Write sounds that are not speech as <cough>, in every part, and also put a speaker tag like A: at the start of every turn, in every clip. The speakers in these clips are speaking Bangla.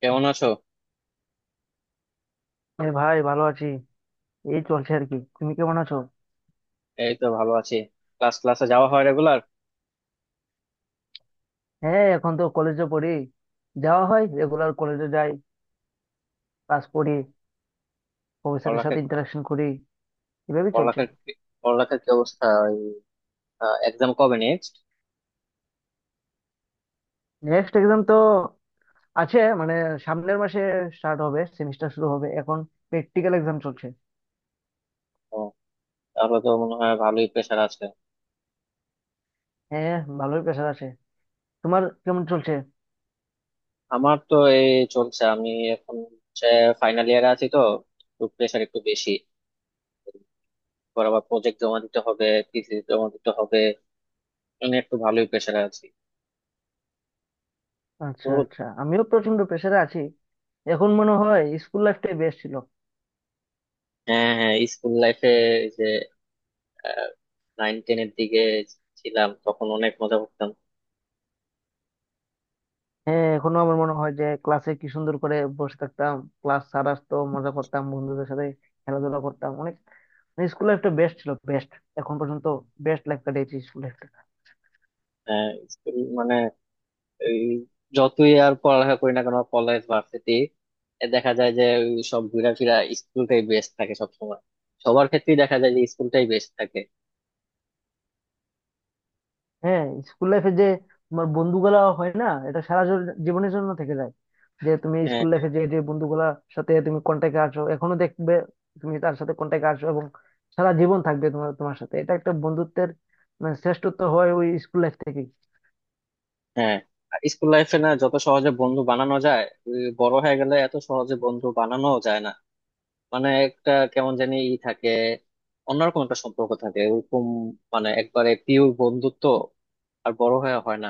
A: কেমন আছো?
B: হ্যাঁ ভাই, ভালো আছি। এই চলছে আর কি। তুমি কেমন আছো?
A: এই তো ভালো আছি। ক্লাসে যাওয়া হয় রেগুলার?
B: হ্যাঁ, এখন তো কলেজে পড়ি। যাওয়া হয় রেগুলার, কলেজে যাই, ক্লাস করি, প্রফেসরের
A: পড়ালেখার
B: সাথে ইন্টারাকশন করি, এভাবেই চলছে।
A: পড়ালেখার কি- পড়ালেখার কি অবস্থা? এক্সাম কবে নেক্সট?
B: নেক্সট এক্সাম তো আছে, মানে সামনের মাসে স্টার্ট হবে, সেমিস্টার শুরু হবে এখন। প্র্যাকটিক্যাল এক্সাম চলছে।
A: ও। তাহলে তো মনে হয় ভালোই প্রেশার আছে।
B: হ্যাঁ, ভালোই প্রেশার আছে। তোমার কেমন চলছে?
A: আমার তো এই চলছে। আমি এখন ফাইনাল ইয়ারে আছি তো একটু প্রেশার একটু বেশি। পর আবার প্রজেক্ট জমা দিতে হবে, থিসিস জমা দিতে হবে, মানে একটু ভালোই প্রেশারে আছি। তো
B: আচ্ছা আচ্ছা, আমিও প্রচন্ড প্রেশারে আছি। এখন মনে হয় স্কুল লাইফটাই বেস্ট ছিল।
A: হ্যাঁ, হ্যাঁ, স্কুল লাইফে যে নাইন টেনের দিকে ছিলাম, তখন অনেক মজা করতাম।
B: হ্যাঁ, এখনো আমার মনে হয় যে ক্লাসে কি সুন্দর করে বসে থাকতাম, ক্লাস স্যার আসতো, মজা করতাম বন্ধুদের সাথে, খেলাধুলা করতাম অনেক। স্কুল লাইফটা বেস্ট ছিল, বেস্ট। এখন পর্যন্ত বেস্ট লাইফ কাটিয়েছি স্কুল লাইফটা।
A: হ্যাঁ, স্কুল মানে এই, যতই আর পড়ালেখা করি না কেন কলেজ, ভার্সিটি, দেখা যায় যে ওই সব ঘুরা ফিরা, স্কুলটাই বেস্ট থাকে সব সময়। সবার ক্ষেত্রেই দেখা যায় যে স্কুলটাই বেস্ট থাকে।
B: হ্যাঁ, স্কুল লাইফে যে তোমার বন্ধুগুলা হয় না, এটা সারা জীবনের জন্য থেকে যায়। যে তুমি
A: হ্যাঁ,
B: স্কুল লাইফে যে যে বন্ধুগুলার সাথে তুমি কন্ট্যাক্টে আছো, এখনো দেখবে তুমি তার সাথে কন্ট্যাক্টে আছো, এবং সারা জীবন থাকবে তোমার তোমার সাথে। এটা একটা বন্ধুত্বের মানে শ্রেষ্ঠত্ব হয় ওই স্কুল লাইফ থেকে।
A: হ্যাঁ, স্কুল লাইফে না যত সহজে বন্ধু বানানো যায়, ওই বড় হয়ে গেলে এত সহজে বন্ধু বানানো যায় না। মানে একটা কেমন জানি ই থাকে, অন্যরকম একটা সম্পর্ক থাকে ওরকম, মানে একবারে পিওর বন্ধুত্ব, আর বড় হয়ে হয় না।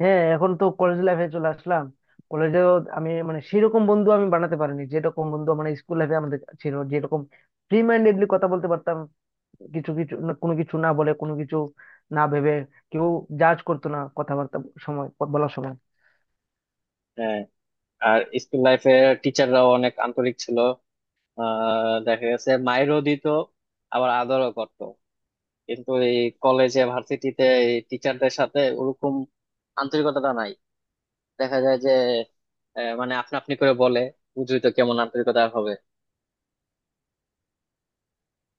B: হ্যাঁ, এখন তো কলেজ লাইফে চলে আসলাম। কলেজে আমি মানে সেরকম বন্ধু আমি বানাতে পারিনি, যেরকম বন্ধু মানে স্কুল লাইফে আমাদের ছিল। যেরকম ফ্রি মাইন্ডেডলি কথা বলতে পারতাম, কিছু কিছু না- কোনো কিছু না বলে, কোনো কিছু না ভেবে, কেউ জাজ করতো না কথাবার্তা সময়, বলার সময়।
A: হ্যাঁ। আর স্কুল লাইফে টিচাররাও অনেক আন্তরিক ছিল। দেখা গেছে মাইরও দিত, আবার আদরও করত। কিন্তু এই কলেজে, ভার্সিটিতে এই টিচারদের সাথে ওরকম আন্তরিকতাটা নাই। দেখা যায় যে মানে আপনা আপনি করে বলে, বুঝলি তো, কেমন আন্তরিকতা আর হবে।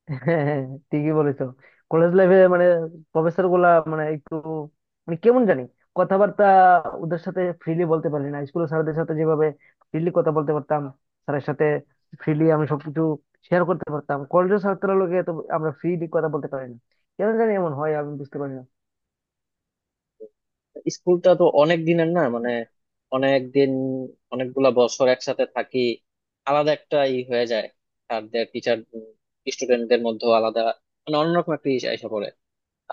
B: <laughs> হ্যাঁ, ঠিকই বলেছো। কলেজ লাইফে মানে প্রফেসর গুলা মানে একটু মানে কেমন জানি কথাবার্তা, ওদের সাথে ফ্রিলি বলতে পারি না। স্কুলের স্যারদের সাথে যেভাবে ফ্রিলি কথা বলতে পারতাম, স্যারের সাথে ফ্রিলি আমি সবকিছু শেয়ার করতে পারতাম, কলেজের ছাত্ররা লোকে তো আমরা ফ্রিলি কথা বলতে পারি না। কেন জানি এমন হয়, আমি বুঝতে পারি না।
A: স্কুলটা তো অনেক দিনের না, মানে অনেক দিন, অনেকগুলা বছর একসাথে থাকি, আলাদা একটা ই হয়ে যায়, স্যারদের, টিচার স্টুডেন্টদের মধ্যে আলাদা, মানে অন্যরকম একটা ইস এসে পড়ে।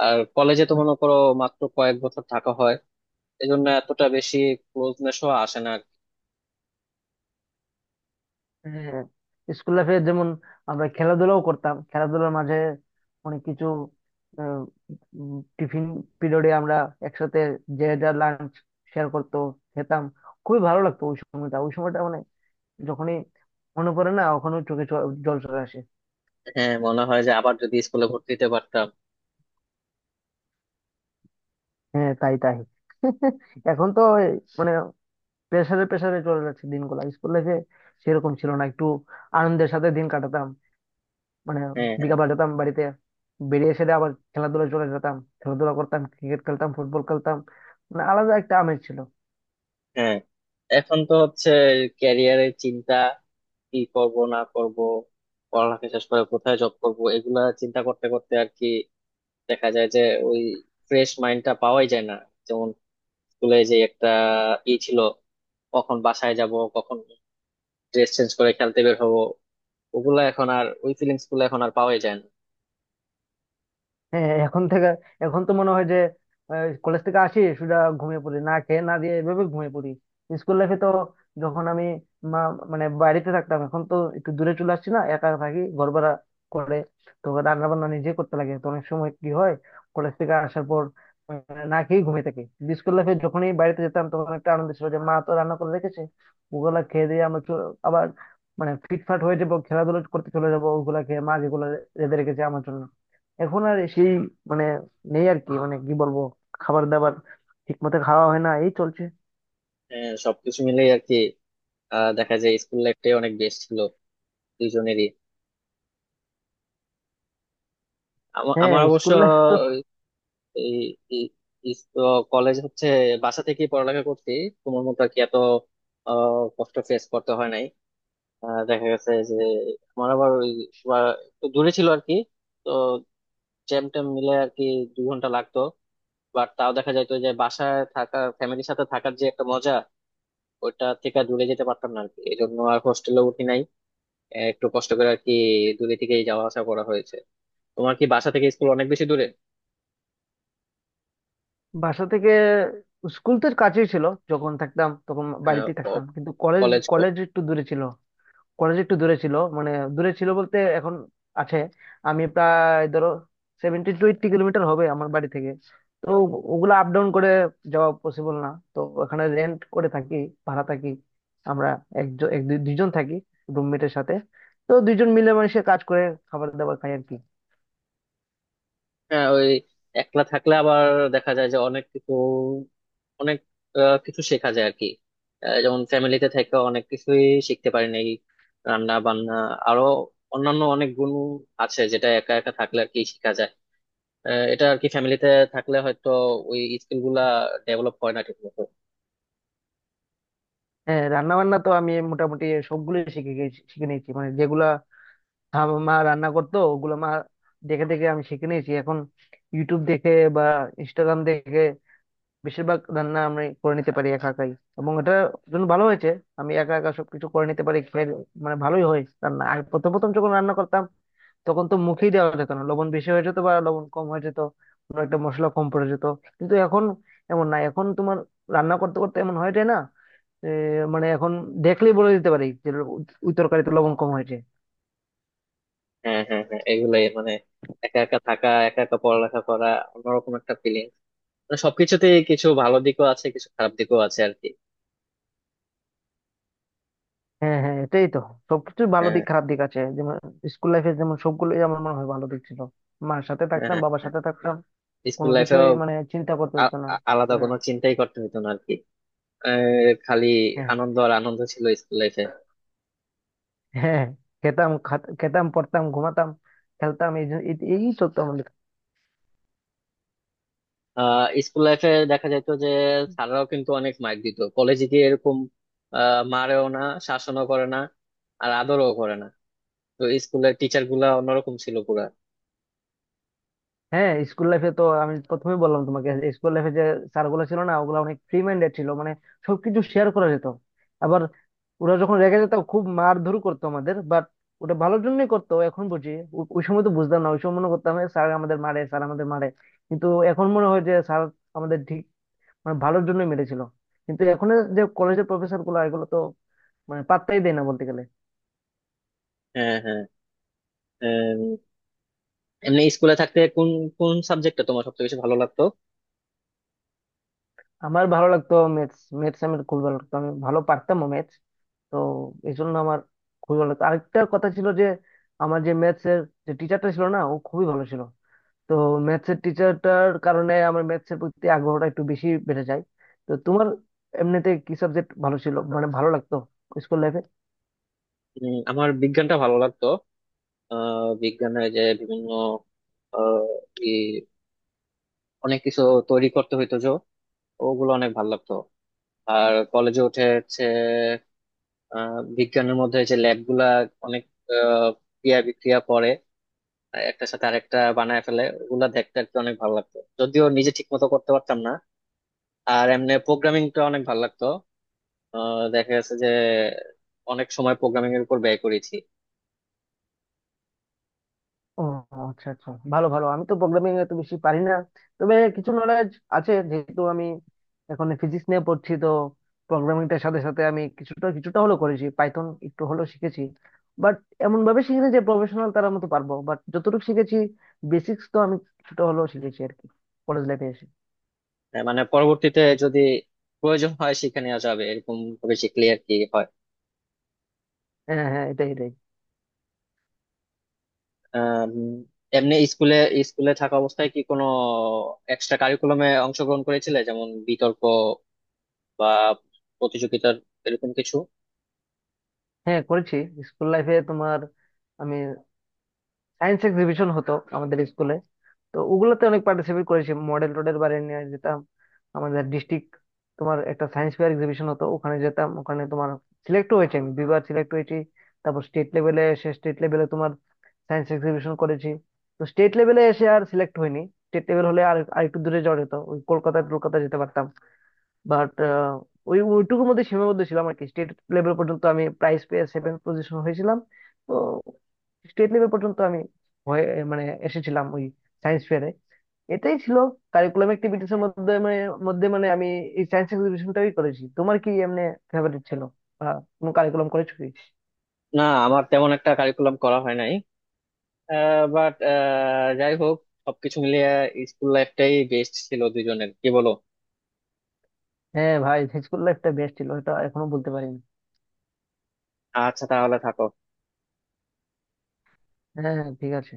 A: আর কলেজে তো মনে করো মাত্র কয়েক বছর থাকা হয়, এই জন্য এতটা বেশি ক্লোজনেস আসে না আর কি।
B: হ্যাঁ, স্কুল লাইফে যেমন আমরা খেলাধুলাও করতাম, খেলাধুলার মাঝে অনেক কিছু, আহ, টিফিন পিরিয়ডে আমরা একসাথে যে যার লাঞ্চ শেয়ার করতো, খেতাম। খুবই ভালো লাগতো ওই সময়টা, ওই সময়টা মানে যখনই মনে পড়ে না, ওখানে চোখে জল চলে আসে।
A: হ্যাঁ, মনে হয় যে আবার যদি স্কুলে ভর্তি হতে পারতাম।
B: হ্যাঁ, তাই তাই। <laughs> এখন তো এই মানে প্রেসারে প্রেসারে চলে যাচ্ছে দিনগুলো। স্কুল লাইফে সেরকম ছিল না, একটু আনন্দের সাথে দিন কাটাতাম মানে।
A: হ্যাঁ,
B: বিকালবেলা যেতাম বাড়িতে, বেরিয়ে এসে দিয়ে আবার খেলাধুলা চলে যেতাম, খেলাধুলা করতাম, ক্রিকেট খেলতাম, ফুটবল খেলতাম। মানে আলাদা একটা আমেজ ছিল।
A: হ্যাঁ, এখন তো হচ্ছে ক্যারিয়ারের চিন্তা, কি করব না করব, পড়ালেখা শেষ করে কোথায় জব করব, এগুলা চিন্তা করতে করতে আর কি। দেখা যায় যে ওই ফ্রেশ মাইন্ডটা পাওয়াই যায় না। যেমন স্কুলে যে একটা ই ছিল, কখন বাসায় যাব, কখন ড্রেস চেঞ্জ করে খেলতে বের হবো, ওগুলা এখন আর, ওই ফিলিংস গুলো এখন আর পাওয়াই যায় না।
B: হ্যাঁ, এখন থেকে এখন তো মনে হয় যে কলেজ থেকে আসি সুদা ঘুমিয়ে পড়ি, না খেয়ে না দিয়ে এভাবে ঘুমিয়ে পড়ি। স্কুল লাইফে তো যখন আমি মা মানে বাড়িতে থাকতাম, এখন তো একটু দূরে চলে আসছি না, একা থাকি, ঘর ভাড়া করে। তো রান্না বান্না নিজে করতে লাগে, তো অনেক সময় কি হয় কলেজ থেকে আসার পর, না খেয়ে ঘুমিয়ে থাকি। স্কুল লাইফে যখনই বাড়িতে যেতাম তখন একটা আনন্দ ছিল যে মা তো রান্না করে রেখেছে, ওগুলা খেয়ে দিয়ে আমরা আবার মানে ফিটফাট হয়ে যাবো, খেলাধুলা করতে চলে যাবো, ওগুলা খেয়ে মা যেগুলো রেঁধে রেখেছে আমার জন্য। এখন আর সেই মানে নেই আর কি, মানে কি বলবো, খাবার দাবার ঠিক মতো খাওয়া হয় না, এই চলছে।
A: হ্যাঁ, সবকিছু মিলেই আর কি। দেখা যায় স্কুল লাইফটাই অনেক বেস্ট ছিল দুইজনেরই।
B: হ্যাঁ,
A: আমার অবশ্য
B: স্কুল লাইফ তো।
A: কলেজ হচ্ছে বাসা থেকেই পড়ালেখা করছি, তোমার মতো আর কি এত কষ্ট ফেস করতে হয় নাই। দেখা গেছে যে আমার আবার ওই, বা একটু দূরে ছিল আর কি, তো জ্যাম ট্যাম মিলে আর কি 2 ঘন্টা লাগতো। বাট তাও দেখা যায় তো যে বাসায় থাকা, ফ্যামিলির সাথে থাকার যে একটা মজা, ওইটা থেকে দূরে যেতে পারতাম না আর কি, এই জন্য আর হোস্টেলে উঠি নাই। একটু কষ্ট করে আর কি দূরে থেকেই যাওয়া আসা করা হয়েছে। তোমার কি বাসা থেকে স্কুল অনেক বেশি দূরে?
B: বাসা থেকে স্কুল তো কাছেই ছিল, যখন থাকতাম তখন
A: হ্যাঁ,
B: বাড়িতেই থাকতাম, কিন্তু কলেজ,
A: কলেজ।
B: কলেজ একটু দূরে ছিল। কলেজ একটু দূরে ছিল মানে দূরে ছিল বলতে এখন আছে। আমি প্রায় ধরো 70-80 কিলোমিটার হবে আমার বাড়ি থেকে। তো ওগুলো আপ ডাউন করে যাওয়া পসিবল না। তো ওখানে রেন্ট করে থাকি, ভাড়া থাকি আমরা। একজন দুইজন থাকি রুমমেটের সাথে। তো দুইজন মিলে মানুষের কাজ করে খাবার দাবার খাই আর কি।
A: হ্যাঁ, ওই একলা থাকলে আবার দেখা যায় যে অনেক কিছু, অনেক কিছু শেখা যায় আর কি। যেমন ফ্যামিলিতে থেকে অনেক কিছুই শিখতে পারি নাই, রান্না বান্না, আরো অন্যান্য অনেক গুণ আছে যেটা একা একা থাকলে আর কি শেখা যায়। এটা আর কি, ফ্যামিলিতে থাকলে হয়তো ওই স্কিল গুলা ডেভেলপ হয় না ঠিক মতো।
B: হ্যাঁ, রান্না বান্না তো আমি মোটামুটি সবগুলোই শিখে গেছি, শিখে নিয়েছি মানে যেগুলা মা রান্না করতো, ওগুলো মা দেখে দেখে আমি শিখে নিয়েছি। এখন ইউটিউব দেখে বা ইনস্টাগ্রাম দেখে বেশিরভাগ রান্না আমি করে নিতে পারি একা একাই। এবং এটা জন্য ভালো হয়েছে, আমি একা একা সবকিছু করে নিতে পারি, খেয়ে মানে ভালোই হয় রান্না। আর প্রথম প্রথম যখন রান্না করতাম তখন তো মুখেই দেওয়া যেত না, লবণ বেশি হয়ে যেত বা লবণ কম হয়ে যেত, কোনো একটা মশলা কম পড়ে যেত। কিন্তু এখন এমন না, এখন তোমার রান্না করতে করতে এমন হয়ে যায় না। এ, মানে এখন দেখলেই বলে দিতে পারি যে ওই তরকারিতে লবণ কম হয়েছে।
A: হ্যাঁ, হ্যাঁ, হ্যাঁ, এগুলাই মানে একা একা থাকা, একা একা পড়ালেখা করা, অন্যরকম একটা ফিলিং। মানে সবকিছুতে কিছু ভালো দিকও আছে, কিছু খারাপ দিকও আছে আর কি।
B: হ্যাঁ হ্যাঁ, এটাই তো। সবকিছু ভালো
A: হ্যাঁ,
B: দিক খারাপ দিক আছে। যেমন স্কুল লাইফে যেমন সবগুলোই আমার মনে হয় ভালো দিক ছিল, মার সাথে থাকতাম,
A: হ্যাঁ,
B: বাবার
A: হ্যাঁ,
B: সাথে থাকতাম,
A: স্কুল
B: কোনো কিছুই
A: লাইফেও
B: মানে চিন্তা করতে হতো না।
A: আলাদা
B: হ্যাঁ
A: কোনো চিন্তাই করতে হতো না আর কি। খালি
B: হ্যাঁ
A: আনন্দ আর আনন্দ ছিল স্কুল লাইফে।
B: হ্যাঁ। খেতাম, খেতাম, পড়তাম, ঘুমাতাম, খেলতাম, এই এই চলতো আমাদের।
A: স্কুল লাইফে দেখা যেত যে স্যাররাও কিন্তু অনেক মাইর দিত, কলেজে গিয়ে এরকম মারেও না, শাসনও করে না, আর আদরও করে না। তো স্কুলের টিচার গুলা অন্যরকম ছিল পুরা।
B: হ্যাঁ, স্কুল লাইফে তো আমি প্রথমে বললাম তোমাকে। স্কুল লাইফে যে স্যারগুলো ছিল না, ওগুলো অনেক ফ্রি মাইন্ডেড ছিল, মানে সবকিছু শেয়ার করা যেত। আবার ওরা যখন রেগে যেত, খুব মারধর করতো আমাদের, বাট ওটা ভালোর জন্যই করতো, এখন বুঝি। ওই সময় তো বুঝতাম না, ওই সময় মনে করতাম স্যার আমাদের মারে, স্যার আমাদের মারে। কিন্তু এখন মনে হয় যে স্যার আমাদের ঠিক মানে ভালোর জন্যই মেরেছিল। কিন্তু এখন যে কলেজের প্রফেসর গুলো এগুলো তো মানে পাত্তাই দেয় না বলতে গেলে।
A: হ্যাঁ, হ্যাঁ, উম, এমনি স্কুলে থাকতে কোন কোন সাবজেক্টটা তোমার সবচেয়ে বেশি ভালো লাগতো?
B: আমার ভালো লাগতো ম্যাথস, ম্যাথস আমার খুব ভালো লাগতো, আমি ভালো পারতাম ম্যাথস। তো এই জন্য আমার খুবই ভালো লাগতো। আরেকটা কথা ছিল যে আমার যে ম্যাথস এর যে টিচারটা ছিল না, ও খুবই ভালো ছিল। তো ম্যাথস এর টিচারটার কারণে আমার ম্যাথস এর প্রতি আগ্রহটা একটু বেশি বেড়ে যায়। তো তোমার এমনিতে কি সাবজেক্ট ভালো ছিল, মানে ভালো লাগতো স্কুল লাইফে?
A: আমার বিজ্ঞানটা ভালো লাগতো। বিজ্ঞানের যে বিভিন্ন আহ ই অনেক কিছু তৈরি করতে হইতো যে, ওগুলো অনেক ভালো লাগতো। আর কলেজে উঠে হচ্ছে বিজ্ঞানের মধ্যে যে ল্যাব গুলা অনেক, আহ, ক্রিয়া বিক্রিয়া পরে একটার সাথে আরেকটা বানায় ফেলে, ওগুলা দেখতে আর কি অনেক ভালো লাগতো, যদিও নিজে ঠিক মতো করতে পারতাম না। আর এমনি প্রোগ্রামিংটা অনেক ভালো লাগতো। দেখা গেছে যে অনেক সময় প্রোগ্রামিং এর উপর ব্যয় করেছি।
B: ও আচ্ছা আচ্ছা, ভালো ভালো। আমি তো প্রোগ্রামিং এত বেশি পারি না, তবে কিছু নলেজ আছে, যেহেতু আমি এখন ফিজিক্স নিয়ে পড়ছি। তো প্রোগ্রামিংটার সাথে সাথে আমি কিছুটা কিছুটা হলেও করেছি, পাইথন একটু হলেও শিখেছি। বাট এমন ভাবে শিখিনি যে প্রফেশনাল তার মতো পারবো, বাট যতটুকু শিখেছি বেসিক্স তো আমি কিছুটা হলেও শিখেছি আর কি, কলেজ লাইফে এসে।
A: মানে পরবর্তীতে যদি প্রয়োজন হয় শিখে নেওয়া যাবে, এরকম ভাবে শিখলে আর কি হয়।
B: হ্যাঁ হ্যাঁ, এটাই এটাই।
A: আম, এমনি স্কুলে স্কুলে থাকা অবস্থায় কি কোনো এক্সট্রা কারিকুলামে অংশগ্রহণ করেছিলে, যেমন বিতর্ক, বা প্রতিযোগিতার এরকম কিছু?
B: হ্যাঁ, করেছি। স্কুল লাইফে তোমার, আমি সায়েন্স এক্সিবিশন হতো আমাদের স্কুলে। তো ওগুলোতে অনেক পার্টিসিপেট করেছি, মডেল টোডেল বারে নিয়ে যেতাম আমাদের ডিস্ট্রিক্ট, তোমার একটা সায়েন্স ফেয়ার এক্সিবিশন হতো, ওখানে যেতাম, ওখানে তোমার সিলেক্ট হয়েছে, আমি দুইবার সিলেক্ট হয়েছি। তারপর স্টেট লেভেলে এসে স্টেট লেভেলে তোমার সায়েন্স এক্সিবিশন করেছি। তো স্টেট লেভেলে এসে আর সিলেক্ট হয়নি। স্টেট লেভেল হলে আর আরেকটু দূরে যাওয়া যেত, ওই কলকাতায়, কলকাতা যেতে পারতাম। বাট ওই ওইটুকুর মধ্যে সীমাবদ্ধ ছিলাম আর কি। স্টেট লেভেল পর্যন্ত আমি প্রাইজ পেয়ে 7th পজিশন হয়েছিলাম। তো স্টেট লেভেল পর্যন্ত আমি হয়ে মানে এসেছিলাম ওই সায়েন্স ফেয়ারে। এটাই ছিল কারিকুলাম অ্যাক্টিভিটিস এর মধ্যে মানে, মধ্যে মানে আমি এই সায়েন্স এক্সিবিশনটাই করেছি। তোমার কি এমনি ফেভারিট ছিল বা কোনো কারিকুলাম করেছো কি?
A: না, আমার তেমন একটা কারিকুলাম করা হয় নাই। বাট যাই হোক, সবকিছু মিলিয়ে স্কুল লাইফটাই বেস্ট ছিল দুজনের, কি বলো?
B: হ্যাঁ ভাই, স্কুল লাইফটা বেস্ট ছিল, এটা এখনো বলতে পারিনি।
A: আচ্ছা, তাহলে থাকো।
B: হ্যাঁ হ্যাঁ, ঠিক আছে।